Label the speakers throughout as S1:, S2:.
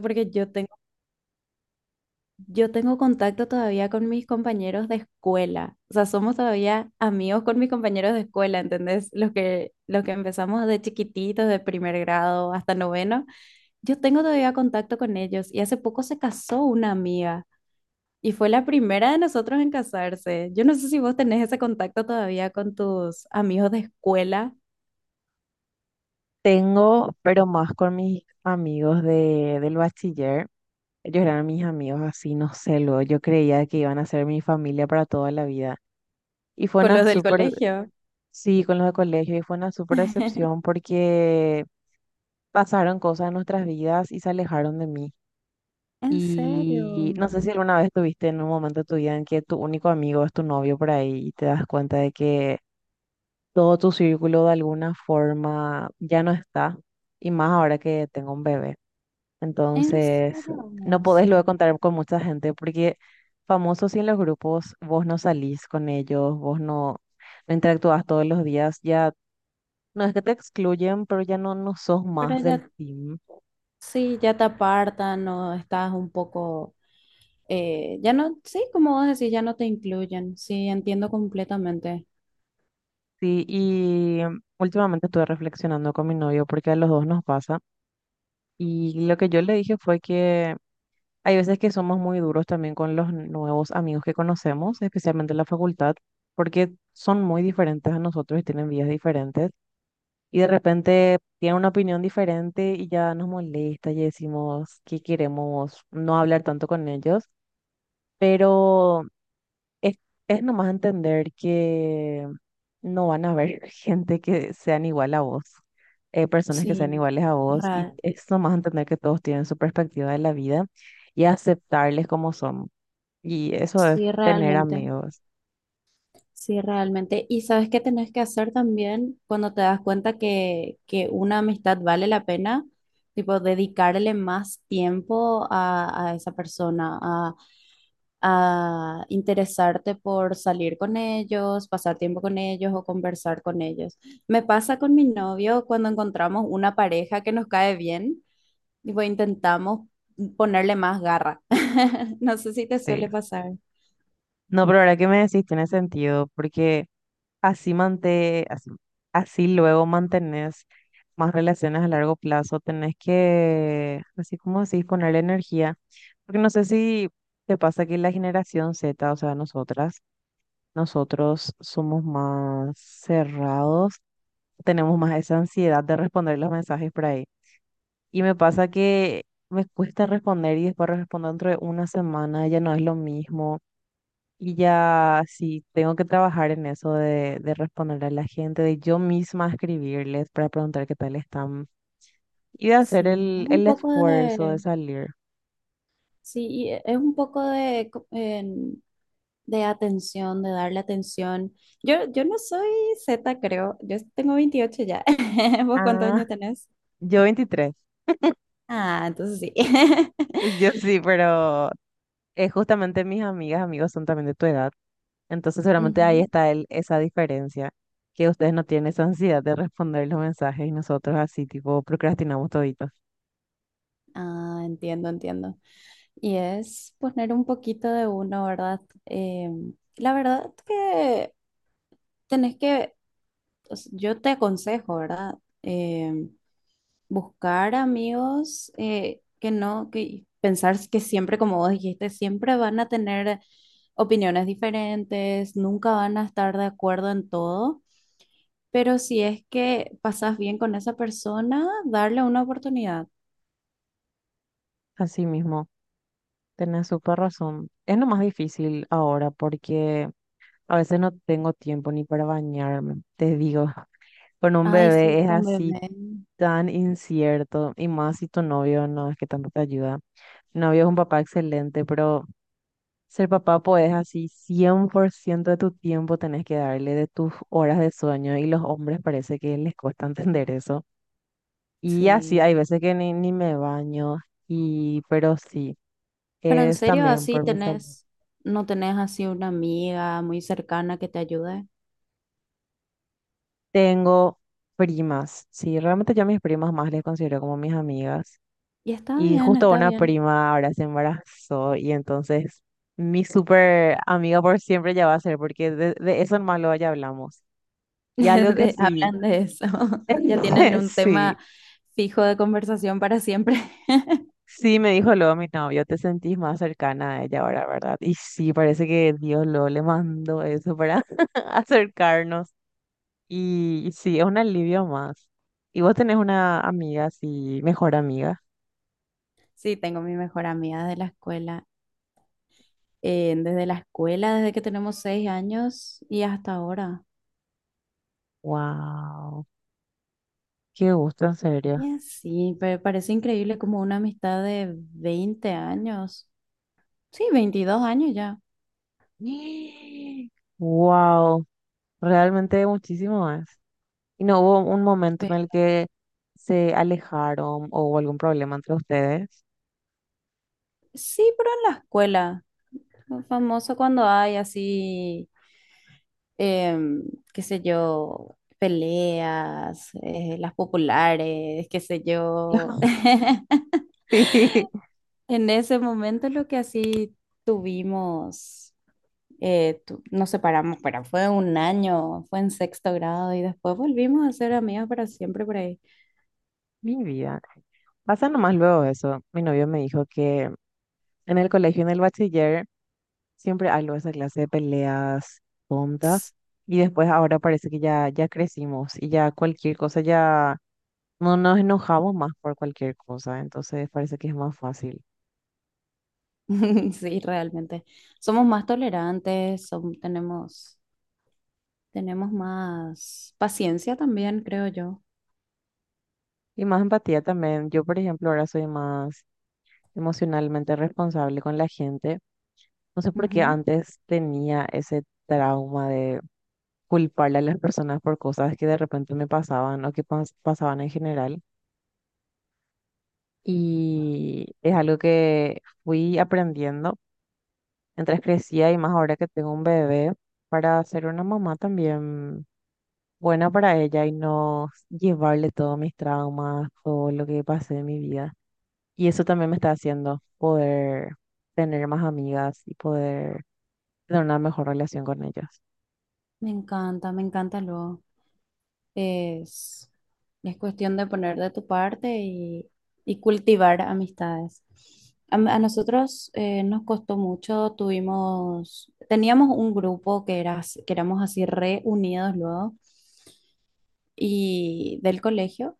S1: Porque yo tengo contacto todavía con mis compañeros de escuela. O sea, somos todavía amigos con mis compañeros de escuela, ¿entendés? Los que empezamos de chiquititos, de primer grado hasta noveno. Yo tengo todavía contacto con ellos y hace poco se casó una amiga y fue la primera de nosotros en casarse. Yo no sé si vos tenés ese contacto todavía con tus amigos de escuela,
S2: Tengo, pero más con mis amigos del bachiller. Ellos eran mis amigos así, no sé, luego yo creía que iban a ser mi familia para toda la vida. Y fue
S1: con
S2: una
S1: los del
S2: súper,
S1: colegio.
S2: sí, con los de colegio, y fue una súper decepción porque pasaron cosas en nuestras vidas y se alejaron de mí.
S1: ¿En serio,
S2: Y no sé si alguna vez tuviste en un momento de tu vida en que tu único amigo es tu novio por ahí y te das cuenta de que todo tu círculo de alguna forma ya no está. Y más ahora que tengo un bebé.
S1: en
S2: Entonces,
S1: serio?
S2: no
S1: No,
S2: podés
S1: sí.
S2: luego contar con mucha gente porque famosos y en los grupos vos no salís con ellos, vos no, no interactúas todos los días, ya no es que te excluyen, pero ya no, no sos más
S1: Pero
S2: del
S1: ya
S2: team.
S1: Sí, ya te apartan o estás un poco, ya no, sí, como vos decís, ya no te incluyen. Sí, entiendo completamente.
S2: Sí, y últimamente estuve reflexionando con mi novio porque a los dos nos pasa y lo que yo le dije fue que hay veces que somos muy duros también con los nuevos amigos que conocemos, especialmente en la facultad, porque son muy diferentes a nosotros y tienen vidas diferentes. Y de repente tiene una opinión diferente y ya nos molesta y decimos que queremos no hablar tanto con ellos, pero es, es nomás entender que no van a haber gente que sean igual a vos, personas que sean
S1: Sí,
S2: iguales a vos y
S1: ra-
S2: es nomás entender que todos tienen su perspectiva de la vida y aceptarles como son. Y eso es
S1: sí,
S2: tener
S1: realmente.
S2: amigos.
S1: Sí, realmente. Y sabes qué tenés que hacer también cuando te das cuenta que una amistad vale la pena, tipo, dedicarle más tiempo a esa persona, a interesarte por salir con ellos, pasar tiempo con ellos o conversar con ellos. Me pasa con mi novio cuando encontramos una pareja que nos cae bien, tipo, intentamos ponerle más garra. No sé si te
S2: Sí.
S1: suele pasar.
S2: No, pero ahora que me decís tiene sentido porque... Así, mante- así, así luego mantenés más relaciones a largo plazo. Tenés que, así como decís, ponerle energía. Porque no sé si te pasa que la generación Z, o sea, nosotras, nosotros somos más cerrados, tenemos más esa ansiedad de responder los mensajes por ahí. Y me pasa que me cuesta responder y después respondo dentro de una semana, ya no es lo mismo. Y ya sí, tengo que trabajar en eso de responderle a la gente, de yo misma escribirles para preguntar qué tal están y de hacer
S1: Sí, un
S2: el
S1: poco
S2: esfuerzo de
S1: de,
S2: salir.
S1: sí, y es un poco de, de atención, de darle atención. Yo no soy Z, creo. Yo tengo 28 ya. ¿Vos cuántos
S2: Ah,
S1: años tenés?
S2: yo 23.
S1: Ah, entonces sí.
S2: Yo sí, pero es justamente mis amigas, amigos son también de tu edad, entonces seguramente ahí
S1: Ujú.
S2: está el, esa diferencia, que ustedes no tienen esa ansiedad de responder los mensajes y nosotros así tipo procrastinamos toditos.
S1: Ah, entiendo, entiendo. Y es poner un poquito de uno, ¿verdad? Eh, la verdad que tenés que, o sea, yo te aconsejo, ¿verdad? Em, Buscar amigos, que no, que pensar que siempre, como vos dijiste, siempre van a tener opiniones diferentes, nunca van a estar de acuerdo en todo, pero si es que pasas bien con esa persona, darle una oportunidad.
S2: Así mismo, tenés súper razón. Es lo más difícil ahora porque... A veces no tengo tiempo ni para bañarme, te digo, con un
S1: Ay,
S2: bebé
S1: sí,
S2: es
S1: con
S2: así
S1: bebé.
S2: tan incierto y más si tu novio no es que tanto te ayuda. Mi novio es un papá excelente, pero ser papá pues así 100% de tu tiempo tenés que darle de tus horas de sueño y los hombres parece que les cuesta entender eso. Y así
S1: Sí.
S2: hay veces que ni me baño y pero sí,
S1: Pero en
S2: es
S1: serio,
S2: también por mi salud.
S1: no tenés así una amiga muy cercana que te ayude.
S2: Tengo primas, sí, realmente yo a mis primas más les considero como mis amigas.
S1: Y está
S2: Y
S1: bien,
S2: justo
S1: está
S2: una
S1: bien.
S2: prima ahora se embarazó y entonces mi súper amiga por siempre ya va a ser, porque de eso en malo ya hablamos. Y algo que sí,
S1: Hablan de eso. Ya tienen un
S2: sí,
S1: tema fijo de conversación para siempre.
S2: sí me dijo luego mi novio, te sentís más cercana a ella ahora, ¿verdad? Y sí, parece que Dios lo le mandó eso para acercarnos. Y, sí, es un alivio más. ¿Y vos tenés una amiga así, mejor amiga?
S1: Sí, tengo mi mejor amiga de la escuela. Desde la escuela, desde que tenemos 6 años y hasta ahora.
S2: Wow, qué gusto, en serio.
S1: Y así, pero parece increíble como una amistad de 20 años. Sí, 22 años ya.
S2: Wow, realmente muchísimo más. ¿Y no hubo un momento en el que se alejaron o hubo algún problema entre ustedes?
S1: Sí, pero en la escuela. Lo famoso cuando hay así, em, qué sé yo, peleas, las populares, qué sé yo.
S2: Sí,
S1: En ese momento lo que así tuvimos, nos separamos, pero fue un año, fue en sexto grado y después volvimos a ser amigas para siempre por ahí.
S2: mi vida. Pasa nomás luego eso. Mi novio me dijo que en el colegio, en el bachiller, siempre algo de esa clase de peleas tontas. Y después ahora parece que ya, ya crecimos y ya cualquier cosa ya no nos enojamos más por cualquier cosa, entonces parece que es más fácil.
S1: Sí, realmente. Somos más tolerantes, tenemos más paciencia también, creo yo.
S2: Y más empatía también. Yo, por ejemplo, ahora soy más emocionalmente responsable con la gente. No sé por qué
S1: Ujú.
S2: antes tenía ese trauma de culparle a las personas por cosas que de repente me pasaban o que pasaban en general. Y es algo que fui aprendiendo mientras crecía y más ahora que tengo un bebé para ser una mamá también buena para ella y no llevarle todos mis traumas, todo lo que pasé en mi vida. Y eso también me está haciendo poder tener más amigas y poder tener una mejor relación con ellas.
S1: Me encanta luego. Es, es cuestión de poner de tu parte y cultivar amistades. A nosotros, nos costó mucho, teníamos un grupo que éramos así reunidos luego y del colegio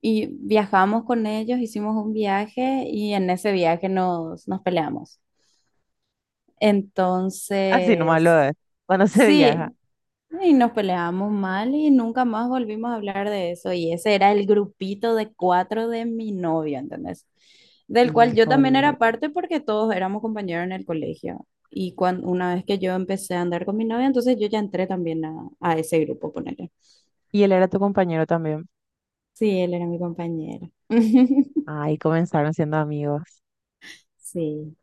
S1: y viajamos con ellos, hicimos un viaje y en ese viaje nos peleamos.
S2: Así nomás lo
S1: Entonces,
S2: es, cuando se
S1: sí,
S2: viaja.
S1: y nos peleamos mal y nunca más volvimos a hablar de eso. Y ese era el grupito de cuatro de mi novio, ¿entendés? Del cual yo también
S2: Híjole.
S1: era parte porque todos éramos compañeros en el colegio. Y cuando, una vez que yo empecé a andar con mi novia, entonces yo ya entré también a ese grupo, ponele.
S2: Y él era tu compañero también.
S1: Sí, él era mi compañero.
S2: Ahí comenzaron siendo amigos.
S1: Sí,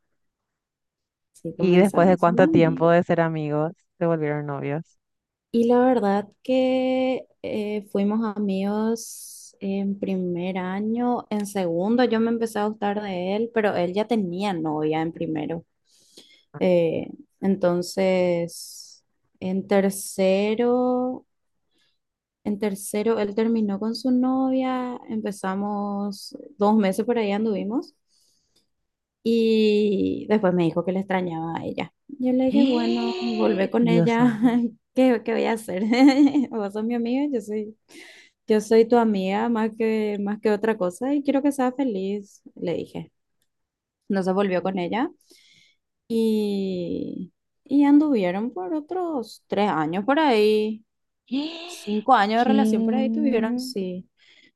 S1: sí,
S2: Y después de
S1: comenzamos en
S2: cuánto tiempo
S1: amigos.
S2: de ser amigos, se volvieron novios.
S1: Y la verdad que fuimos amigos en primer año, en segundo yo me empecé a gustar de él, pero él ya tenía novia en primero. Eh, entonces, en tercero, en tercero él terminó con su novia, empezamos 2 meses por ahí anduvimos. Y después me dijo que le extrañaba a ella. Yo le dije, bueno, volvé con
S2: Dios
S1: ella.
S2: santo.
S1: ¿Qué, qué voy a hacer? Vos sos mi amiga, yo soy tu amiga más que otra cosa y quiero que seas feliz, le dije. No se volvió con ella y, y anduvieron por otros 3 años por ahí.
S2: ¿Qué?
S1: 5 años de relación por ahí tuvieron, sí.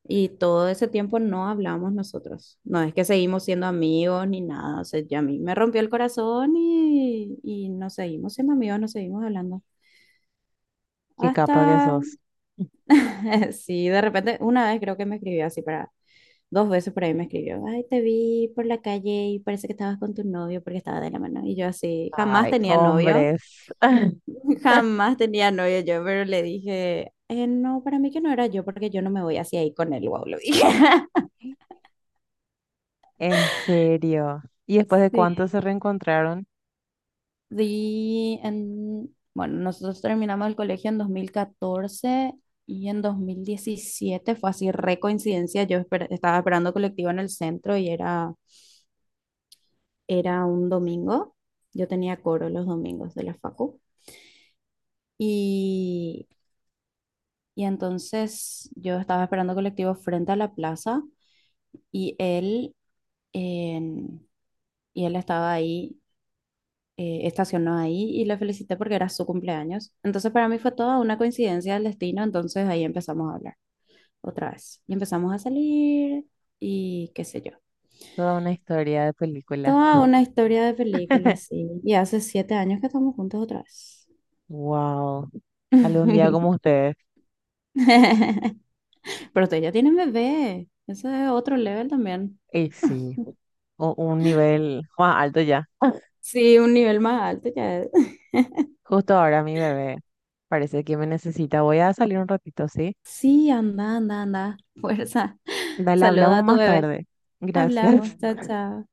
S1: Y todo ese tiempo no hablamos nosotros. No es que seguimos siendo amigos ni nada. O sea, ya a mí me rompió el corazón y nos seguimos siendo amigos, nos seguimos hablando.
S2: Qué capa que
S1: Hasta,
S2: sos.
S1: sí, de repente, una vez creo que me escribió dos veces por ahí me escribió, ay, te vi por la calle y parece que estabas con tu novio porque estaba de la mano. Y yo así, jamás
S2: Ay,
S1: tenía novio.
S2: hombres.
S1: Jamás tenía novio yo, pero le dije, No, para mí que no era yo, porque yo no me voy así ahí con él, wow", lo dije.
S2: En serio. ¿Y después de
S1: Sí.
S2: cuánto se reencontraron?
S1: Sí, bueno, nosotros terminamos el colegio en 2014 y en 2017 fue así, re coincidencia, yo estaba esperando colectivo en el centro y era un domingo, yo tenía coro los domingos de la facu y, y entonces yo estaba esperando colectivo frente a la plaza y él... en- y él estaba ahí, estacionó ahí y le felicité porque era su cumpleaños. Entonces para mí fue toda una coincidencia del destino, entonces ahí empezamos a hablar otra vez y empezamos a salir y qué sé yo.
S2: Toda una historia de película.
S1: Toda una historia de película, sí. Y hace 7 años que estamos juntos otra vez.
S2: Wow. Algún día como ustedes.
S1: Pero ustedes ya tienen bebé. Eso es otro level también.
S2: Y sí, un nivel más alto ya.
S1: Sí, un nivel más alto ya es.
S2: Justo ahora mi bebé parece que me necesita. Voy a salir un ratito, ¿sí?
S1: Sí, anda, anda, anda. Fuerza.
S2: Dale,
S1: Saluda
S2: hablamos
S1: a tu
S2: más
S1: bebé.
S2: tarde. Gracias.
S1: Hablamos. Chao, chao.